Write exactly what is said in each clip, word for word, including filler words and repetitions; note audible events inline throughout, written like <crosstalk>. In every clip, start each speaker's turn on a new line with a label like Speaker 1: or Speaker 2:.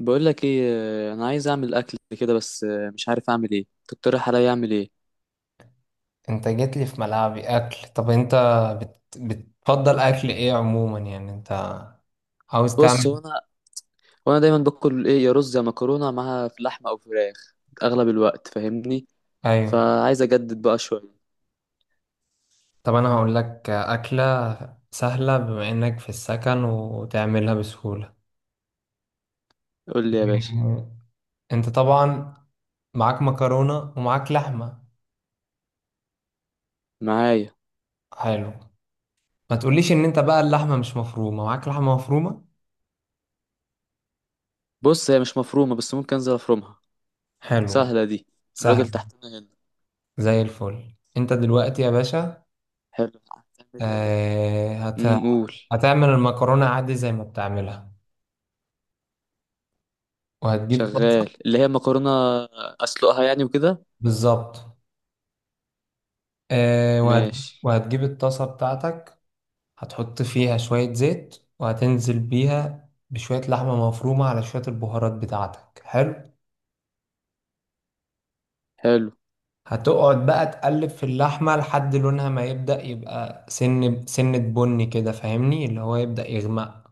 Speaker 1: بقول لك ايه؟ آه، انا عايز اعمل اكل كده بس آه، مش عارف اعمل ايه، تقترح عليا اعمل ايه؟
Speaker 2: انت جيت لي في ملعبي، اكل. طب انت بت... بتفضل اكل ايه عموما، يعني انت عاوز
Speaker 1: بص،
Speaker 2: تعمل؟
Speaker 1: هو انا هو انا دايما باكل ايه، يا رز يا مكرونه معاها في لحمه او فراخ اغلب الوقت، فاهمني؟
Speaker 2: ايوه.
Speaker 1: فعايز اجدد بقى شويه.
Speaker 2: طب انا هقول لك اكله سهله بما انك في السكن وتعملها بسهوله.
Speaker 1: قول لي
Speaker 2: <laughs>
Speaker 1: يا باشا.
Speaker 2: مم. انت طبعا معاك مكرونه ومعاك لحمه.
Speaker 1: معايا.
Speaker 2: حلو. ما تقوليش ان انت بقى اللحمه مش مفرومه؟ معاك لحمه مفرومه.
Speaker 1: بص، هي مش مفرومه بس ممكن انزل افرمها.
Speaker 2: حلو.
Speaker 1: سهله دي. الراجل
Speaker 2: سهل.
Speaker 1: تحتنا هنا.
Speaker 2: زي الفل انت دلوقتي يا باشا.
Speaker 1: حلو، هتعمل ايه؟
Speaker 2: آه هت...
Speaker 1: امم قول.
Speaker 2: هتعمل المكرونه عادي زي ما بتعملها، وهتجيب طاسة.
Speaker 1: شغال اللي هي مكرونه، اسلقها يعني وكده.
Speaker 2: بالظبط. آه وهتجيب,
Speaker 1: ماشي.
Speaker 2: وهتجيب الطاسة بتاعتك. هتحط فيها شوية زيت وهتنزل بيها بشوية لحمة مفرومة على شوية البهارات بتاعتك. حلو.
Speaker 1: حلو.
Speaker 2: هتقعد بقى تقلب في اللحمة لحد لونها ما يبدأ يبقى سن سنة بني كده، فاهمني، اللي هو يبدأ يغمق.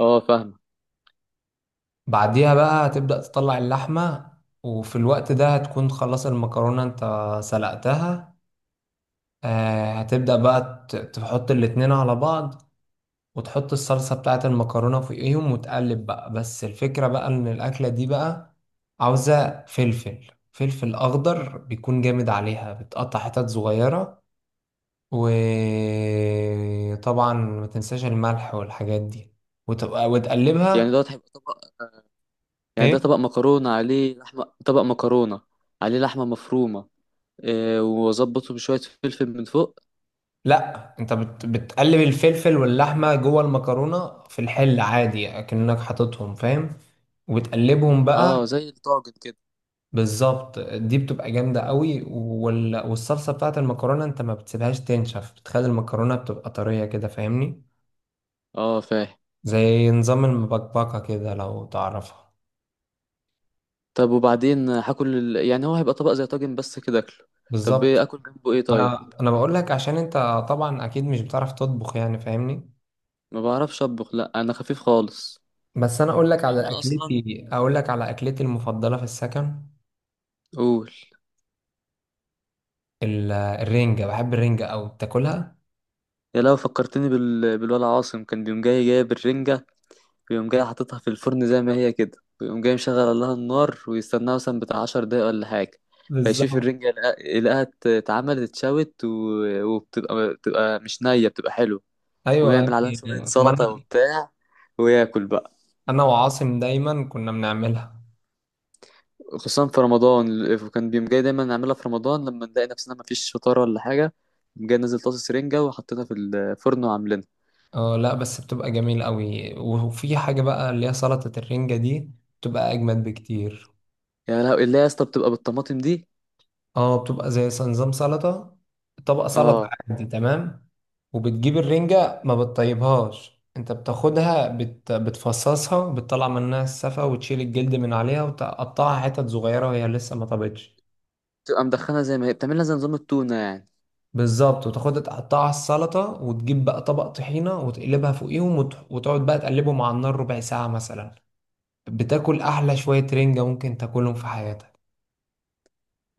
Speaker 1: اه، فاهمه.
Speaker 2: بعديها بقى هتبدأ تطلع اللحمة. وفي الوقت ده هتكون خلاص المكرونة انت سلقتها. آه هتبدأ بقى ت- تحط الاتنين على بعض، وتحط الصلصة بتاعة المكرونة فوقيهم وتقلب بقى. بس الفكرة بقى إن الأكلة دي بقى عاوزة فلفل. فلفل أخضر بيكون جامد عليها، بتقطع حتت صغيرة. وطبعا ما تنساش الملح والحاجات دي، وتبقى
Speaker 1: يعني
Speaker 2: وتقلبها.
Speaker 1: دوت هيبقى طبق؟ يعني
Speaker 2: إيه؟
Speaker 1: ده طبق مكرونة عليه لحمة، طبق مكرونة عليه لحمة مفرومة؟ إيه، وأظبطه بشوية فلفل من فوق؟
Speaker 2: لا، أنت بت... بتقلب الفلفل واللحمة جوه المكرونة في الحل عادي أكنك حاططهم، فاهم؟ وتقلبهم بقى.
Speaker 1: اه زي الطاجن كده.
Speaker 2: بالظبط. دي بتبقى جامدة قوي، وال... والصلصة بتاعت المكرونة انت ما بتسيبهاش تنشف، بتخلي المكرونة بتبقى طرية كده، فاهمني.
Speaker 1: اه فاهم.
Speaker 2: زي نظام المبكبكة كده لو تعرفها.
Speaker 1: طب وبعدين هاكل ال... يعني هو هيبقى طبق زي طاجن بس كده اكله. طب ايه
Speaker 2: بالظبط.
Speaker 1: اكل جنبه ايه طيب؟
Speaker 2: انا انا بقول لك عشان انت طبعا اكيد مش بتعرف تطبخ، يعني فاهمني.
Speaker 1: ما بعرفش اطبخ، لا انا خفيف خالص.
Speaker 2: بس انا اقول لك
Speaker 1: يعني
Speaker 2: على
Speaker 1: انا اصلا.
Speaker 2: اكلتي اقول لك على اكلتي المفضلة في السكن.
Speaker 1: قول.
Speaker 2: ال- الرنجة. بحب الرنجة قوي، بتاكلها.
Speaker 1: يا، لو فكرتني بال... بالولا عاصم، كان بيقوم جاي جايب الرنجة ويقوم جاي حاططها في الفرن زي ما هي كده، ويقوم جاي مشغل لها النار ويستناها مثلا بتاع عشر دقايق ولا حاجة. فيشوف
Speaker 2: بالظبط.
Speaker 1: الرنجة، يلقى- يلاقيها ات- اتعملت اتشوت و... وبتبقى بتبقى مش نية، بتبقى حلوة.
Speaker 2: ايوه
Speaker 1: ويعمل عليها
Speaker 2: يعني.
Speaker 1: شوية
Speaker 2: ما
Speaker 1: سلطة
Speaker 2: انا،
Speaker 1: وبتاع، وياكل بقى.
Speaker 2: انا وعاصم دايما كنا بنعملها.
Speaker 1: خصوصا في رمضان، وكان بيقوم جاي دايما نعملها في رمضان لما نلاقي نفسنا مفيش فطار ولا حاجة، يقوم جاي نازل طاسة رنجة وحطيتها في الفرن وعاملينها.
Speaker 2: اه. لا، بس بتبقى جميلة قوي، وفي حاجة بقى اللي هي سلطة الرنجة دي. بتبقى أجمد بكتير.
Speaker 1: يا لهوي، اللي هي يا اسطى، بتبقى بالطماطم دي؟
Speaker 2: اه، بتبقى زي نظام سلطة. طبق سلطة
Speaker 1: اه،
Speaker 2: عادي تمام. وبتجيب الرنجة ما بتطيبهاش. انت بتاخدها، بت... بتفصصها، بتطلع منها السفة وتشيل الجلد من عليها وتقطعها حتت صغيرة وهي لسه ما طابتش.
Speaker 1: بتبقى مدخنة زي ما هي، بتعملها زي نظام التونة يعني.
Speaker 2: بالظبط. وتاخدها تقطعها على السلطة وتجيب بقى طبق طحينة وتقلبها فوقيهم، وت... وتقعد بقى تقلبهم على النار ربع ساعة مثلا. بتاكل احلى شوية رنجة ممكن تاكلهم في حياتك.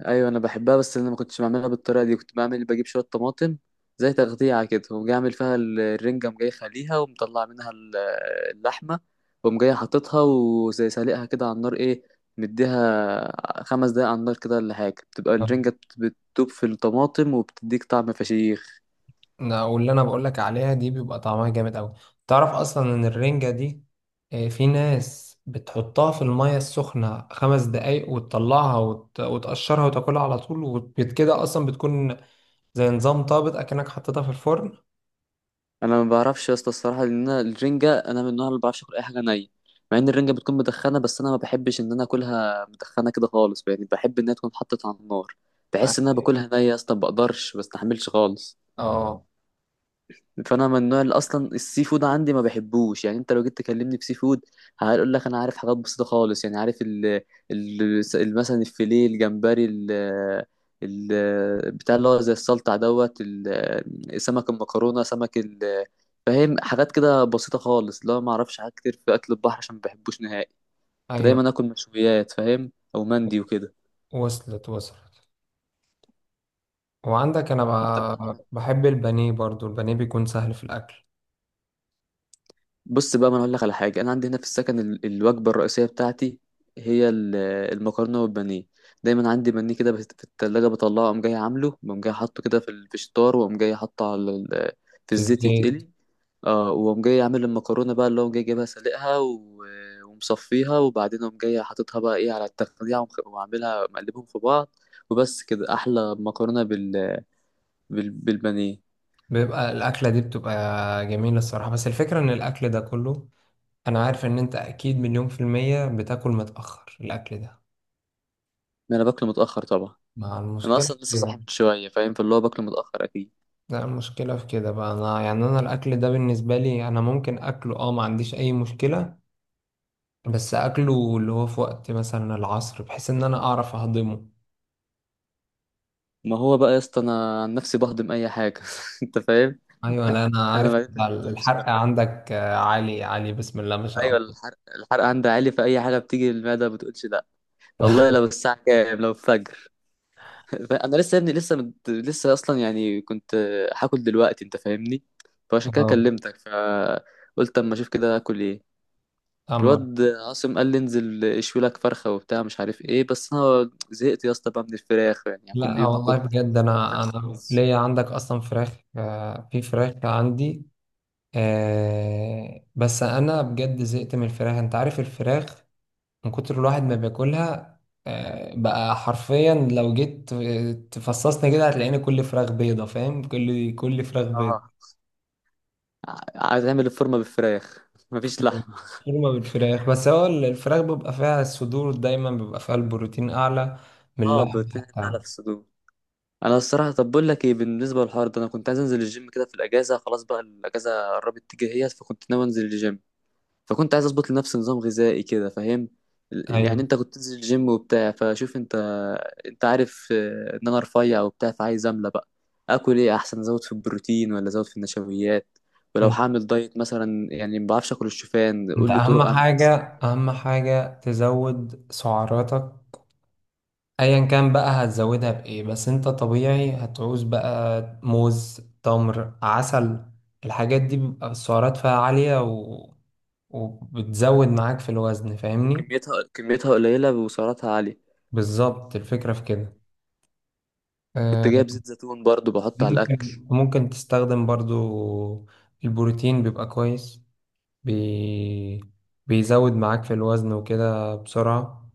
Speaker 1: ايوه انا بحبها بس انا ما كنتش بعملها بالطريقه دي، كنت بعمل بجيب شويه طماطم زي تغذيه كده، وقوم جاي اعمل فيها ال- الرنجه، قوم جاي خليها ومطلع منها ال- اللحمه، وقوم جاي حاططها وزي سالقها كده على النار، ايه، مديها خمس دقايق على النار كده ولا حاجه، بتبقى الرنجه
Speaker 2: آه.
Speaker 1: بت- بتدوب في الطماطم وبتديك طعم فشيخ.
Speaker 2: أنا- واللي انا بقولك عليها دي بيبقى طعمها جامد اوي. تعرف اصلا ان الرنجة دي، آه، في ناس بتحطها في المية السخنة خمس دقايق وتطلعها، وت- وتقشرها وتاكلها على طول، وكده اصلا بتكون زي نظام طابت، اكنك حطيتها في الفرن.
Speaker 1: انا ما بعرفش يا اسطى الصراحه، لان انا الرنجه، انا من النوع اللي ما بعرفش اكل اي حاجه نيه. مع ان الرنجه بتكون مدخنه بس انا ما بحبش ان انا اكلها مدخنه كده خالص، يعني بحب انها تكون اتحطت على النار. بحس ان انا باكلها نيه يا اسطى، ما بقدرش، ما بستحملش خالص.
Speaker 2: اه.
Speaker 1: فانا من النوع اللي اصلا السي فود عندي ما بحبوش، يعني انت لو جيت تكلمني في سي فود، هقول لك انا عارف حاجات بسيطه خالص. يعني عارف ال ال ال- مثلا الفيليه، الجمبري، ال ال بتاع اللي هو زي السلطع دوت ال- سمك المكرونه، سمك ال فاهم، حاجات كده بسيطه خالص اللي هو ما اعرفش حاجات كتير في اكل البحر عشان ما بحبوش نهائي.
Speaker 2: ايوه،
Speaker 1: فدايما اكل مشويات، فاهم، او مندي وكده.
Speaker 2: وصلت وصلت. وعندك انا
Speaker 1: انت.
Speaker 2: ب- بحب البانيه برضو. البانيه بيكون سهل في الاكل.
Speaker 1: بص بقى، ما انا اقول لك على حاجه، انا عندي هنا في السكن ال- الوجبه الرئيسيه بتاعتي هي ال- المكرونه والبانيه. دايما عندي بانيه كده بس- في التلاجة بطلعه، اقوم جاي عامله، واقوم جاي حاطه كده في ال- في الشطار، واقوم جاي حاطه على ال- في
Speaker 2: في
Speaker 1: الزيت
Speaker 2: الزيت.
Speaker 1: يتقلي. اه، واقوم جاي عامل المكرونه بقى اللي هو جاي جايبها، سلقها و- ومصفيها، وبعدين اقوم جاي حاططها بقى، ايه، على التقليع ومخ- وعاملها مقلبهم في بعض وبس كده، احلى مكرونه بال... بال... بالبانيه.
Speaker 2: بيبقى الأكلة دي بتبقى جميلة الصراحة. بس الفكرة إن الأكل ده كله، أنا عارف إن أنت أكيد مليون في المية بتاكل متأخر الأكل ده.
Speaker 1: ما انا باكله متاخر طبعا.
Speaker 2: مع
Speaker 1: انا
Speaker 2: المشكلة في
Speaker 1: اصلا لسه
Speaker 2: كده.
Speaker 1: صاحي من شويه، فاهم، فاللي هو باكله متاخر اكيد.
Speaker 2: ده المشكلة في كده بقى، أنا يعني، أنا الأكل ده بالنسبة لي أنا ممكن أكله أه ما عنديش أي مشكلة. بس أكله اللي هو في وقت مثلا العصر بحيث إن أنا أعرف أهضمه.
Speaker 1: ما هو بقى يا اسطى، انا عن نفسي بهضم اي حاجه <laughs> انت فاهم.
Speaker 2: أيوة. لا، أنا
Speaker 1: انا
Speaker 2: عارف.
Speaker 1: ما بتقولش
Speaker 2: الحرق
Speaker 1: لا.
Speaker 2: عندك آه، عالي عالي، بسم الله ما شاء
Speaker 1: ايوه،
Speaker 2: الله.
Speaker 1: الحرق الحرق عندي عالي، في اي حاجه بتيجي للمعده ما بتقولش لا. والله،
Speaker 2: <laughs>
Speaker 1: لو الساعه كام، لو الفجر <laughs> انا لسه يا ابني، لسه مت... لسه اصلا يعني كنت هاكل دلوقتي انت فاهمني. فعشان كده
Speaker 2: أه.
Speaker 1: كلمتك، فقلت اما اشوف كده هاكل ايه.
Speaker 2: أما
Speaker 1: الواد عاصم قال لي انزل اشوي لك فرخه وبتاع مش عارف ايه، بس انا زهقت يا اسطى بقى من الفراخ، يعني, يعني كل
Speaker 2: لا،
Speaker 1: يوم اكل
Speaker 2: والله بجد. انا
Speaker 1: فراخ
Speaker 2: انا
Speaker 1: ورز.
Speaker 2: ليا عندك اصلا فراخ، آه، في فراخ عندي. آه، بس انا بجد زهقت من الفراخ. انت عارف الفراخ، من كتر الواحد ما بياكلها. آه، بقى حرفيا لو جيت تفصصني كده هتلاقيني كل فراخ بيضة، فاهم؟ كل كل فراخ بيضة.
Speaker 1: اه. ع- عايز اعمل الفورمه بالفراخ <laughs> مفيش لحمه.
Speaker 2: شوربة بالفراخ. بس هو الفراخ بيبقى فيها الصدور دايما بيبقى فيها البروتين اعلى من
Speaker 1: اه،
Speaker 2: اللحم
Speaker 1: بروتين اعلى
Speaker 2: حتى.
Speaker 1: في الصدور. انا الصراحه، طب بقول لك ايه، بالنسبه للحوار ده، انا كنت عايز انزل الجيم كده في الاجازه، خلاص بقى الاجازه قربت تيجي هي، فكنت ناوي انزل الجيم. فكنت عايز اظبط لنفسي نظام غذائي كده، فاهم. ال- يعني
Speaker 2: ايوه.
Speaker 1: انت كنت تنزل الجيم وبتاع، فشوف. انت انت عارف آه، ان انا رفيع وبتاع، فعايز املى بقى. اكل ايه احسن، ازود في البروتين ولا ازود في النشويات؟ ولو هعمل دايت مثلا، يعني ما بعرفش اكل الشوفان،
Speaker 2: انت
Speaker 1: قول لي
Speaker 2: اهم
Speaker 1: طرق اعمل بيها
Speaker 2: حاجة
Speaker 1: الشوفان
Speaker 2: اهم
Speaker 1: حلو.
Speaker 2: حاجة تزود سعراتك. ايا كان بقى هتزودها بايه، بس انت طبيعي هتعوز بقى موز، تمر، عسل. الحاجات دي بيبقى السعرات فيها عالية، و... وبتزود معاك في الوزن، فاهمني.
Speaker 1: وكميتها كميتها قليلة وسعراتها عالية.
Speaker 2: بالظبط. الفكرة في كده.
Speaker 1: كنت
Speaker 2: آه،
Speaker 1: جايب زيت زيتون برضو بحط على الأكل.
Speaker 2: ممكن ممكن تستخدم برضو. البروتين بيبقى كويس. بي... بيزود معاك في الوزن وكده بسرعة.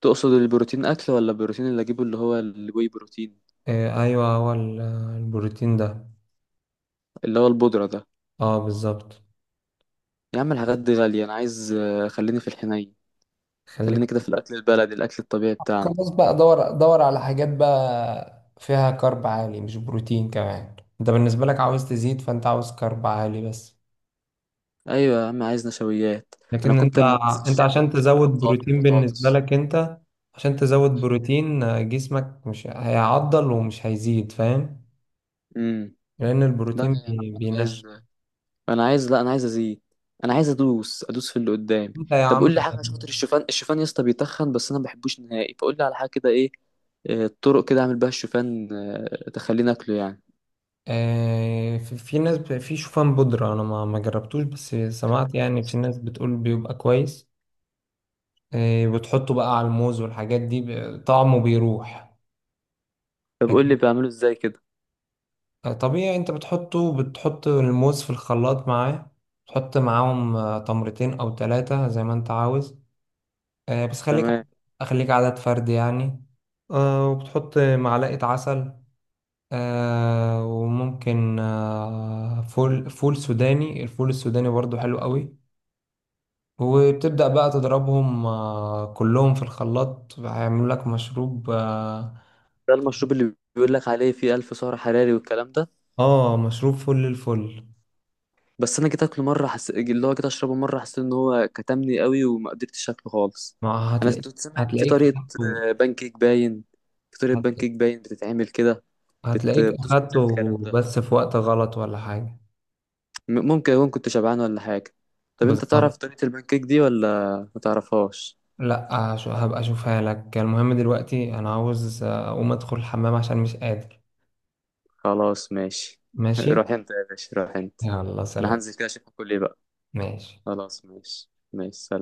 Speaker 1: تقصد البروتين أكل ولا البروتين اللي أجيبه اللي هو الواي بروتين؟
Speaker 2: آه، ايوه، هو ال- البروتين ده.
Speaker 1: اللي هو البودرة ده؟
Speaker 2: اه، بالظبط.
Speaker 1: يا عم الحاجات دي غالية، أنا عايز آه، خليني في الحنين.
Speaker 2: خليك.
Speaker 1: خليني كده في الأكل البلدي، الأكل الطبيعي بتاعنا.
Speaker 2: خلاص بقى. دور دور على حاجات بقى فيها كارب عالي، مش بروتين كمان. انت بالنسبة لك عاوز تزيد، فانت عاوز كارب عالي بس.
Speaker 1: أيوة يا عم، عايز نشويات. أنا
Speaker 2: لكن انت
Speaker 1: كنت لما بنزل
Speaker 2: انت
Speaker 1: الجيم
Speaker 2: عشان
Speaker 1: كنت باكل
Speaker 2: تزود
Speaker 1: بطاطا
Speaker 2: بروتين بالنسبة
Speaker 1: وبطاطس.
Speaker 2: لك، انت عشان تزود بروتين آه، جسمك مش هيعضل ومش هيزيد، فاهم؟
Speaker 1: امم
Speaker 2: لان
Speaker 1: لا
Speaker 2: البروتين
Speaker 1: يا عم،
Speaker 2: بي-
Speaker 1: أنا عايز،
Speaker 2: بينشف.
Speaker 1: انا عايز لا انا عايز ازيد، انا عايز ادوس ادوس في اللي قدامي.
Speaker 2: انت يا
Speaker 1: طب
Speaker 2: عم.
Speaker 1: قول لي حاجه عشان خاطر الشوفان، الشوفان يا اسطى بيتخن بس انا ما بحبوش نهائي، فقول لي على حاجه كده ايه. آه، طرق كده اعمل بيها الشوفان آه، تخليني اكله يعني.
Speaker 2: آه، في في ناس ب- في شوفان بودرة. انا ما ما جربتوش، بس سمعت يعني في ناس بتقول بيبقى كويس. آه، بتحطه بقى على الموز والحاجات دي، ب- طعمه بيروح.
Speaker 1: طب قول
Speaker 2: لكن
Speaker 1: لي بعمله ازاي كده.
Speaker 2: طبيعي انت بتحطه بتحط الموز في الخلاط معاه. تحط معاهم آه، تمرتين او ثلاثة زي ما انت عاوز، آه، بس خليك
Speaker 1: تمام.
Speaker 2: خليك عدد فرد يعني. آه، وبتحط معلقة عسل. آه، وممكن آه، فول فول سوداني. الفول السوداني برضو حلو قوي. وبتبدأ بقى تضربهم آه، كلهم في الخلاط، هيعملوا لك مشروب. اه.
Speaker 1: ده المشروب اللي بيقول لك عليه فيه ألف سعر حراري والكلام ده؟
Speaker 2: آه، مشروب فل الفل.
Speaker 1: بس انا جيت اكله مره حس... اللي هو جيت اشربه مره، حسيت ان هو كتمني قوي وما قدرتش اكله خالص.
Speaker 2: ما
Speaker 1: انا
Speaker 2: هتلاقيك
Speaker 1: كنت سامع ان في
Speaker 2: هتلاقيك
Speaker 1: طريقه
Speaker 2: أخدته-
Speaker 1: آه، بان كيك باين. في طريقه بان
Speaker 2: هت-
Speaker 1: كيك باين بتتعمل كده؟ بت...
Speaker 2: هتلاقيك
Speaker 1: بتظبط الكلام
Speaker 2: اخدته
Speaker 1: ده؟
Speaker 2: بس في وقت غلط ولا حاجة.
Speaker 1: م- ممكن أكون كنت شبعان ولا حاجة. طب أنت
Speaker 2: بالظبط.
Speaker 1: تعرف طريقة البانكيك دي ولا ما تعرفهاش؟
Speaker 2: لا، هش- هبقى اشوفها لك. المهم دلوقتي انا عاوز آه، اقوم ادخل الحمام عشان مش قادر.
Speaker 1: خلاص ماشي. <laughs>
Speaker 2: ماشي.
Speaker 1: روح أنت يا باشا، روح أنت.
Speaker 2: يلا،
Speaker 1: أنا
Speaker 2: سلام.
Speaker 1: هنزل كده أشوف كل إيه بقى.
Speaker 2: ماشي
Speaker 1: خلاص، ماشي ماشي، سلام.